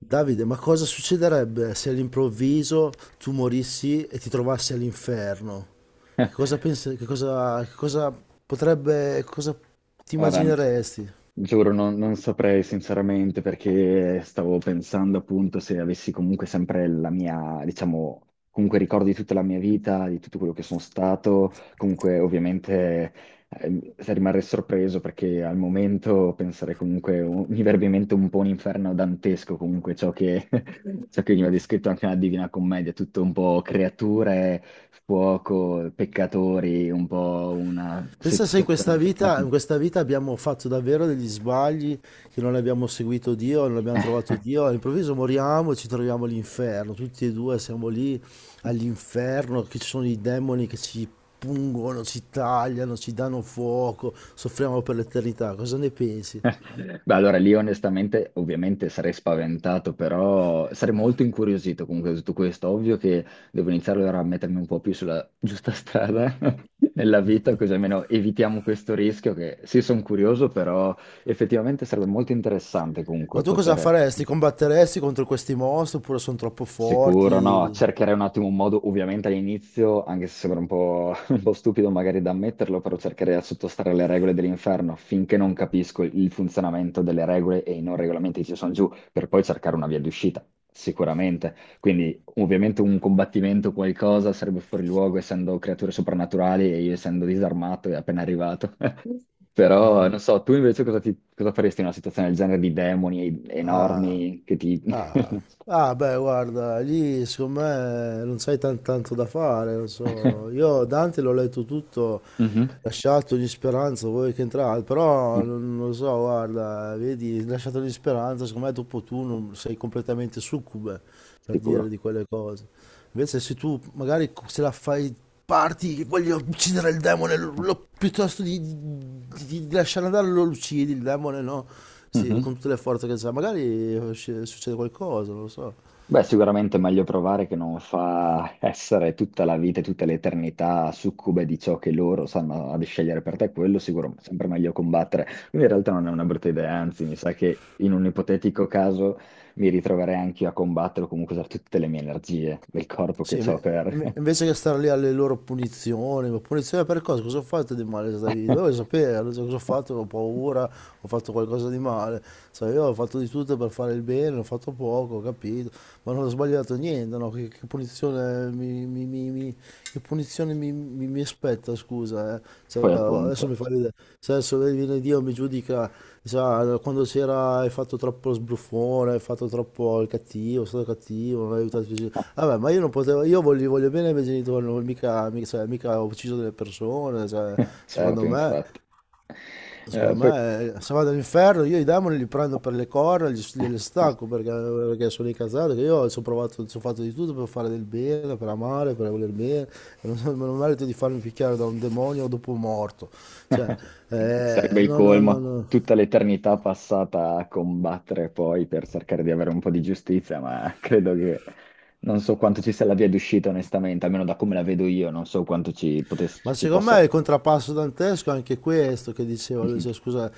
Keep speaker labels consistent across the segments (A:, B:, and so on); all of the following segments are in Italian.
A: Davide, ma cosa succederebbe se all'improvviso tu morissi e ti trovassi all'inferno? Che cosa pensi, che cosa potrebbe, cosa ti
B: Guarda,
A: immagineresti?
B: giuro, non saprei sinceramente perché stavo pensando appunto se avessi comunque sempre la mia, diciamo, comunque ricordo di tutta la mia vita, di tutto quello che sono stato, comunque ovviamente rimarrei sorpreso perché al momento penserei comunque, mi verrebbe in mente un po' un inferno dantesco comunque ciò che, ciò che veniva descritto anche nella Divina Commedia, tutto un po' creature, fuoco, peccatori, un po' una...
A: Pensa se in questa vita, in questa vita abbiamo fatto davvero degli sbagli, che non abbiamo seguito Dio, non abbiamo trovato Dio, all'improvviso moriamo e ci troviamo all'inferno, tutti e due siamo lì all'inferno, che ci sono i demoni che ci pungono, ci tagliano, ci danno fuoco, soffriamo per l'eternità. Cosa ne pensi?
B: Beh, allora lì onestamente, ovviamente sarei spaventato, però sarei molto incuriosito comunque da tutto questo. Ovvio che devo iniziare allora a mettermi un po' più sulla giusta strada nella vita, così almeno evitiamo questo rischio che sì, sono curioso, però effettivamente sarebbe molto interessante
A: Ma
B: comunque
A: tu cosa
B: poter...
A: faresti? Combatteresti contro questi mostri oppure sono troppo
B: Sicuro, no,
A: forti?
B: cercherei un attimo un modo, ovviamente all'inizio, anche se sembra un po', un po' stupido magari da ammetterlo, però cercherei di sottostare alle regole dell'inferno finché non capisco il funzionamento delle regole e i non regolamenti che ci sono giù, per poi cercare una via di uscita, sicuramente. Quindi ovviamente un combattimento, qualcosa, sarebbe fuori luogo essendo creature soprannaturali e io essendo disarmato e appena arrivato. Però, non so, tu invece cosa, cosa faresti in una situazione del genere di demoni
A: Ah,
B: enormi che ti...
A: ah, ah, beh, guarda, lì secondo me non sai tanto da fare, non so. Io Dante l'ho letto tutto,
B: Mhm.
A: lasciato ogni speranza, voi che entrate, però
B: Eh,
A: non lo so, guarda, vedi, lasciato ogni speranza, secondo me dopo tu non sei completamente succube per dire
B: sicuro.
A: di quelle cose. Invece se tu magari se la fai parti, che voglio uccidere il demone, piuttosto di, di lasciare andare lo uccidi il demone, no? Sì,
B: Mhm.
A: con tutte le forze che sa, magari succede qualcosa, non lo so.
B: Beh, sicuramente è meglio provare che non fa essere tutta la vita e tutta l'eternità succube di ciò che loro sanno ad scegliere per te, quello sicuro, sempre meglio combattere. Quindi in realtà non è una brutta idea, anzi, mi sa che in un ipotetico caso mi ritroverei anche io a combattere o comunque usare tutte le mie energie del corpo
A: Sì,
B: che ho per...
A: invece che stare lì alle loro punizioni, ma punizione per cosa? Cosa ho fatto di male in questa vita? Dovevo sapere cosa ho fatto, ho paura, ho fatto qualcosa di male. Sai, io ho fatto di tutto per fare il bene, ho fatto poco, ho capito, ma non ho sbagliato niente, no? Che punizione Che punizione mi aspetta, scusa, eh? Cioè,
B: Poi
A: adesso mi
B: appunto.
A: fa ridere. Se adesso viene Dio e mi giudica, sa, quando c'era hai fatto troppo sbruffone, hai fatto troppo il cattivo, sei stato cattivo, non hai aiutato i tuoi genitori. Vabbè, ma io non potevo, io voglio, voglio bene ai miei genitori, non, mica, mica, cioè, mica ho ucciso delle persone, cioè, secondo
B: Certo,
A: me.
B: infatti.
A: Secondo
B: Poi...
A: me, se vado all'inferno, io i demoni li prendo per le corna, gliele stacco perché, perché sono incazzato, che io ci ho provato, ci ho fatto di tutto per fare del bene, per amare, per voler bene, e non, non merito di farmi picchiare da un demonio dopo morto. Cioè,
B: Sarebbe il
A: no, no, no,
B: colmo,
A: no.
B: tutta l'eternità passata a combattere poi per cercare di avere un po' di giustizia, ma credo che non so quanto ci sia la via d'uscita, onestamente, almeno da come la vedo io, non so quanto ci,
A: Ma
B: ci
A: secondo
B: possa...
A: me è il contrappasso dantesco è anche questo che diceva lui,
B: Mhm.
A: cioè, scusa,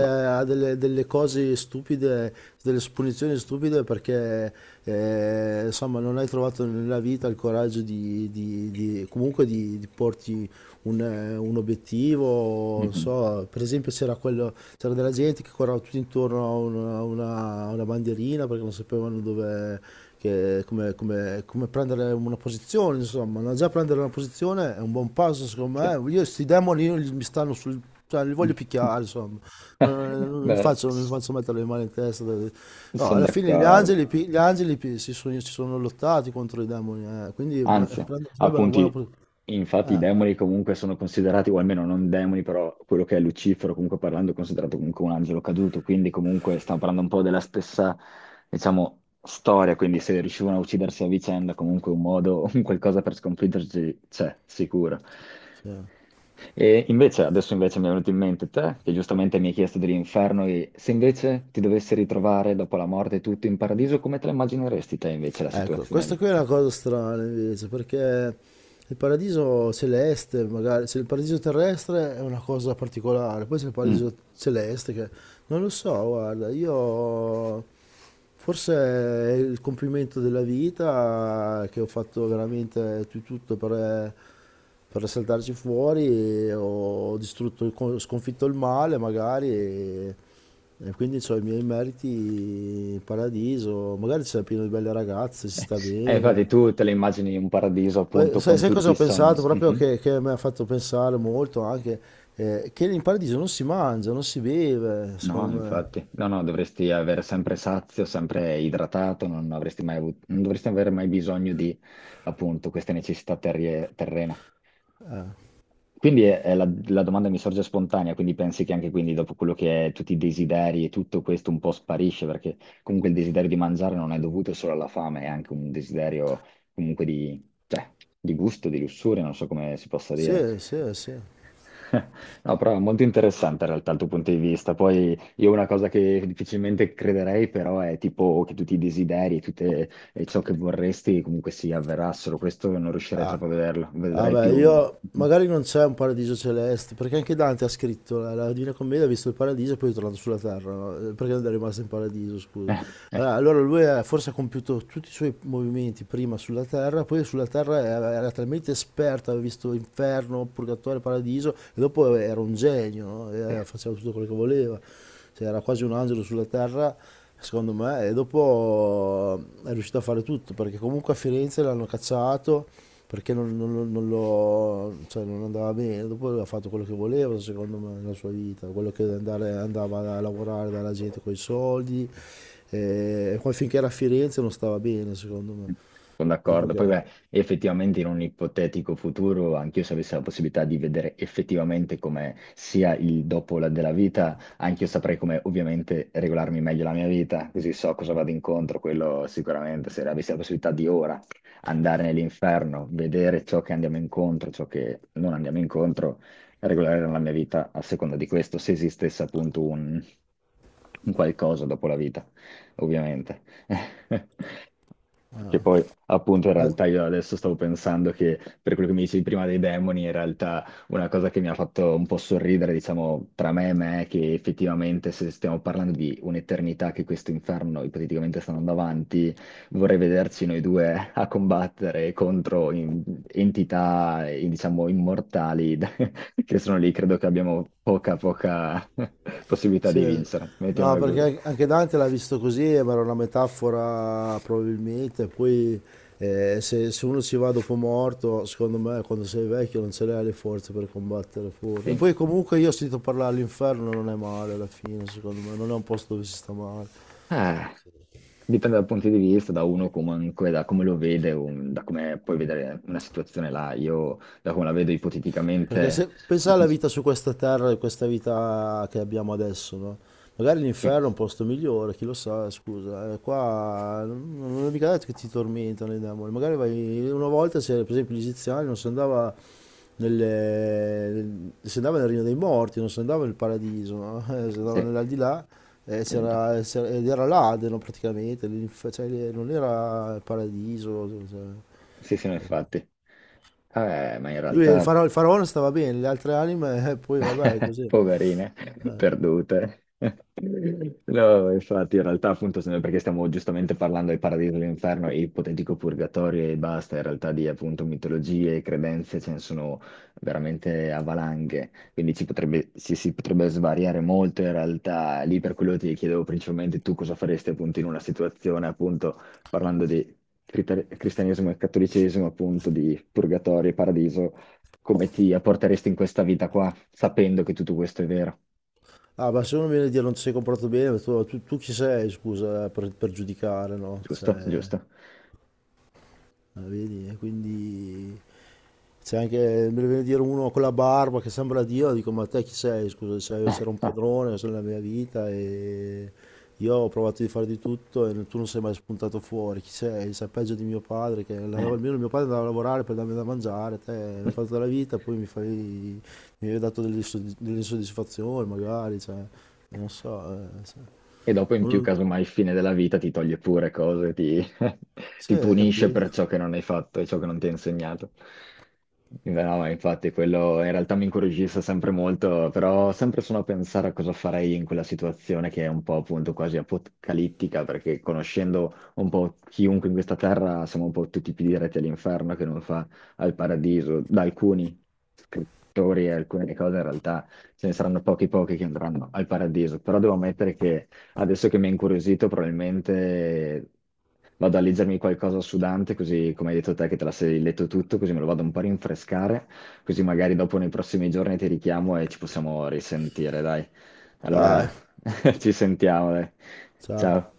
B: Ma-
A: a delle, delle cose stupide, delle punizioni stupide perché insomma non hai trovato nella vita il coraggio di, comunque di porti un obiettivo, non
B: Mhm.
A: so, per esempio c'era, quello, c'era della gente che correva tutto intorno a una, a una bandierina perché non sapevano dove, come, come prendere una posizione, insomma, no? Già prendere una posizione è un buon passo secondo
B: Sì.
A: me, io questi demoni mi stanno sul... cioè, li voglio picchiare, insomma, non mi
B: Beh,
A: faccio, non mi faccio mettere le mani in testa. No,
B: sono
A: alla fine gli
B: d'accordo.
A: angeli, gli angeli si sono lottati contro i demoni, quindi
B: Anzi,
A: sarebbe una buona...
B: appunti,
A: pos-
B: infatti i
A: Eh,
B: demoni comunque sono considerati, o almeno non demoni, però quello che è Lucifero, comunque parlando, è considerato comunque un angelo caduto, quindi comunque stiamo parlando un po' della stessa, diciamo, storia, quindi se riuscivano a uccidersi a vicenda, comunque un modo, un qualcosa per sconfiggerci c'è, sicuro.
A: sì.
B: E invece, adesso invece mi è venuto in mente te, che giustamente mi hai chiesto dell'inferno, e se invece ti dovessi ritrovare dopo la morte e tutto in paradiso, come te la immagineresti te invece la
A: Ecco,
B: situazione
A: questa
B: lì?
A: qui è una cosa strana invece, perché il paradiso celeste, magari, se il paradiso terrestre è una cosa particolare, poi c'è il
B: Mm.
A: paradiso celeste che non lo so, guarda, io forse è il compimento della vita che ho fatto veramente tutto per saltarci fuori, ho distrutto, sconfitto il male magari e quindi ho i miei meriti in paradiso, magari c'è pieno di belle ragazze, si sta
B: Infatti
A: bene.
B: tu te le immagini un paradiso
A: Poi,
B: appunto
A: sai,
B: con
A: sai
B: tutti
A: cosa
B: i
A: ho
B: sogni.
A: pensato? Proprio
B: Mhm.
A: che mi ha fatto pensare molto anche che in paradiso non si mangia, non si beve,
B: No,
A: secondo me.
B: infatti, no, no, dovresti avere sempre sazio, sempre idratato, non avresti mai avuto, non dovresti avere mai bisogno di appunto queste necessità terrene. Quindi è la, la domanda mi sorge spontanea, quindi pensi che anche quindi dopo quello che è tutti i desideri e tutto questo un po' sparisce, perché comunque il desiderio di mangiare non è dovuto solo alla fame, è anche un desiderio comunque di, cioè, di gusto, di lussuria, non so come si possa dire.
A: Sì, sì, sì.
B: No, però è molto interessante in realtà il tuo punto di vista. Poi io una cosa che difficilmente crederei però è tipo che tutti i desideri, tutte e ciò che vorresti comunque si avverassero. Questo non riuscirei troppo a vederlo, vedrei
A: Vabbè,
B: più...
A: io
B: Mhm.
A: magari non c'è un paradiso celeste, perché anche Dante ha scritto la, la Divina Commedia, ha visto il paradiso e poi è tornato sulla terra, no? Perché non è rimasto in paradiso, scusa. Allora, allora forse ha compiuto tutti i suoi movimenti prima sulla terra, poi sulla terra era talmente esperto, aveva visto inferno, purgatorio, paradiso, e dopo era un genio, no? E
B: Sì.
A: faceva tutto quello che voleva. Cioè, era quasi un angelo sulla terra, secondo me, e dopo è riuscito a fare tutto, perché comunque a Firenze l'hanno cacciato perché non lo- cioè, non andava bene, dopo ha fatto quello che voleva secondo me nella sua vita, quello che andava a lavorare dalla gente con i soldi, e poi finché era a Firenze non stava bene secondo me,
B: Sono
A: dopo
B: d'accordo.
A: che...
B: Poi, beh, effettivamente in un ipotetico futuro, anch'io se avessi la possibilità di vedere effettivamente come sia il della vita, anch'io saprei come ovviamente regolarmi meglio la mia vita, così so cosa vado incontro, quello sicuramente, se avessi la possibilità di ora andare nell'inferno, vedere ciò che andiamo incontro, ciò che non andiamo incontro, regolare la mia vita a seconda di questo, se esistesse appunto un qualcosa dopo la vita, ovviamente. Che poi, appunto, in
A: eh,
B: realtà io adesso stavo pensando che per quello che mi dicevi prima dei demoni, in realtà una cosa che mi ha fatto un po' sorridere, diciamo, tra me e me, è che effettivamente se stiamo parlando di un'eternità che questo inferno ipoteticamente sta andando avanti, vorrei vederci noi due a combattere contro entità, diciamo, immortali che sono lì. Credo che abbiamo poca, poca possibilità di
A: sì.
B: vincere.
A: No,
B: Mettiamola così.
A: perché anche Dante l'ha visto così, ma era una metafora probabilmente. Poi se, se uno ci va dopo morto, secondo me quando sei vecchio non ce l'hai le forze per combattere fuori. E
B: Sì.
A: poi comunque io ho sentito parlare all'inferno, non è male alla fine, secondo me, non è un posto dove si sta male.
B: Eh, dipende dal punto di vista, da uno comunque, da come lo vede, da come puoi vedere una situazione là. Io, da come la vedo
A: Perché
B: ipoteticamente,
A: se pensa alla vita su questa terra e questa vita che abbiamo adesso, no? Magari
B: sì,
A: l'inferno è un posto migliore, chi lo sa, scusa. Qua non è mica detto che ti tormentano i demoni. Magari vai una volta, se, per esempio, gli egiziani non si andava nel, si andava nel regno dei morti, non si andava nel paradiso, no? Si andava
B: sì,
A: nell'aldilà
B: appunto.
A: ed era l'Adeno praticamente, cioè, non era il paradiso. Cioè,
B: Sì, sì, no, infatti. Ma in
A: lui,
B: realtà,
A: il faraone stava bene, le altre anime, poi vabbè, così.
B: poverine, perdute. No, infatti, in realtà, appunto, se- perché stiamo giustamente parlando del paradiso, dell'inferno e ipotetico purgatorio e basta, in realtà di appunto mitologie e credenze ce ne sono veramente a valanghe, quindi ci potrebbe, si potrebbe svariare molto in realtà. Lì per quello ti chiedevo principalmente tu cosa faresti appunto in una situazione, appunto, parlando di cristianesimo e cattolicesimo, appunto, di purgatorio e paradiso, come ti apporteresti in questa vita qua, sapendo che tutto questo è vero,
A: Ah, ma se uno viene a dire non ti sei comportato bene, tu, tu chi sei, scusa, per giudicare, no?
B: giusto?
A: Cioè...
B: Giusto?
A: Ah, vedi? E quindi c'è anche, me ne viene a dire uno con la barba che sembra Dio, dico ma te chi sei? Scusa,
B: Eh,
A: sei- c'era un
B: eh,
A: padrone nella mia vita e io ho provato di fare di tutto e tu non sei mai spuntato fuori, chi sei? Sei peggio di mio padre, che andava-
B: eh.
A: almeno mio padre andava a lavorare per darmi da mangiare, te mi hai fatto la vita, poi mi fai, mi hai dato delle, delle insoddisfazioni magari, cioè, non so, se-
B: E dopo in
A: non
B: più,
A: lo-
B: casomai, il fine della vita ti toglie pure cose, ti,
A: sì,
B: ti
A: hai
B: punisce per
A: capito?
B: ciò che non hai fatto e ciò che non ti ha insegnato. Beh, no, ma infatti quello in realtà mi incuriosisce sempre molto, però sempre sono a pensare a cosa farei in quella situazione che è un po' appunto quasi apocalittica, perché conoscendo un po' chiunque in questa terra siamo un po' tutti più diretti all'inferno che non fa al paradiso. Da alcuni scrittori e alcune cose in realtà ce ne saranno pochi pochi che andranno al paradiso, però devo ammettere che adesso che mi ha incuriosito, probabilmente vado a leggermi qualcosa su Dante, così come hai detto te che te la sei letto tutto, così me lo vado un po' a rinfrescare, così magari dopo nei prossimi giorni ti richiamo e ci possiamo risentire, dai. Allora,
A: Dai,
B: ci sentiamo, dai.
A: ciao.
B: Ciao.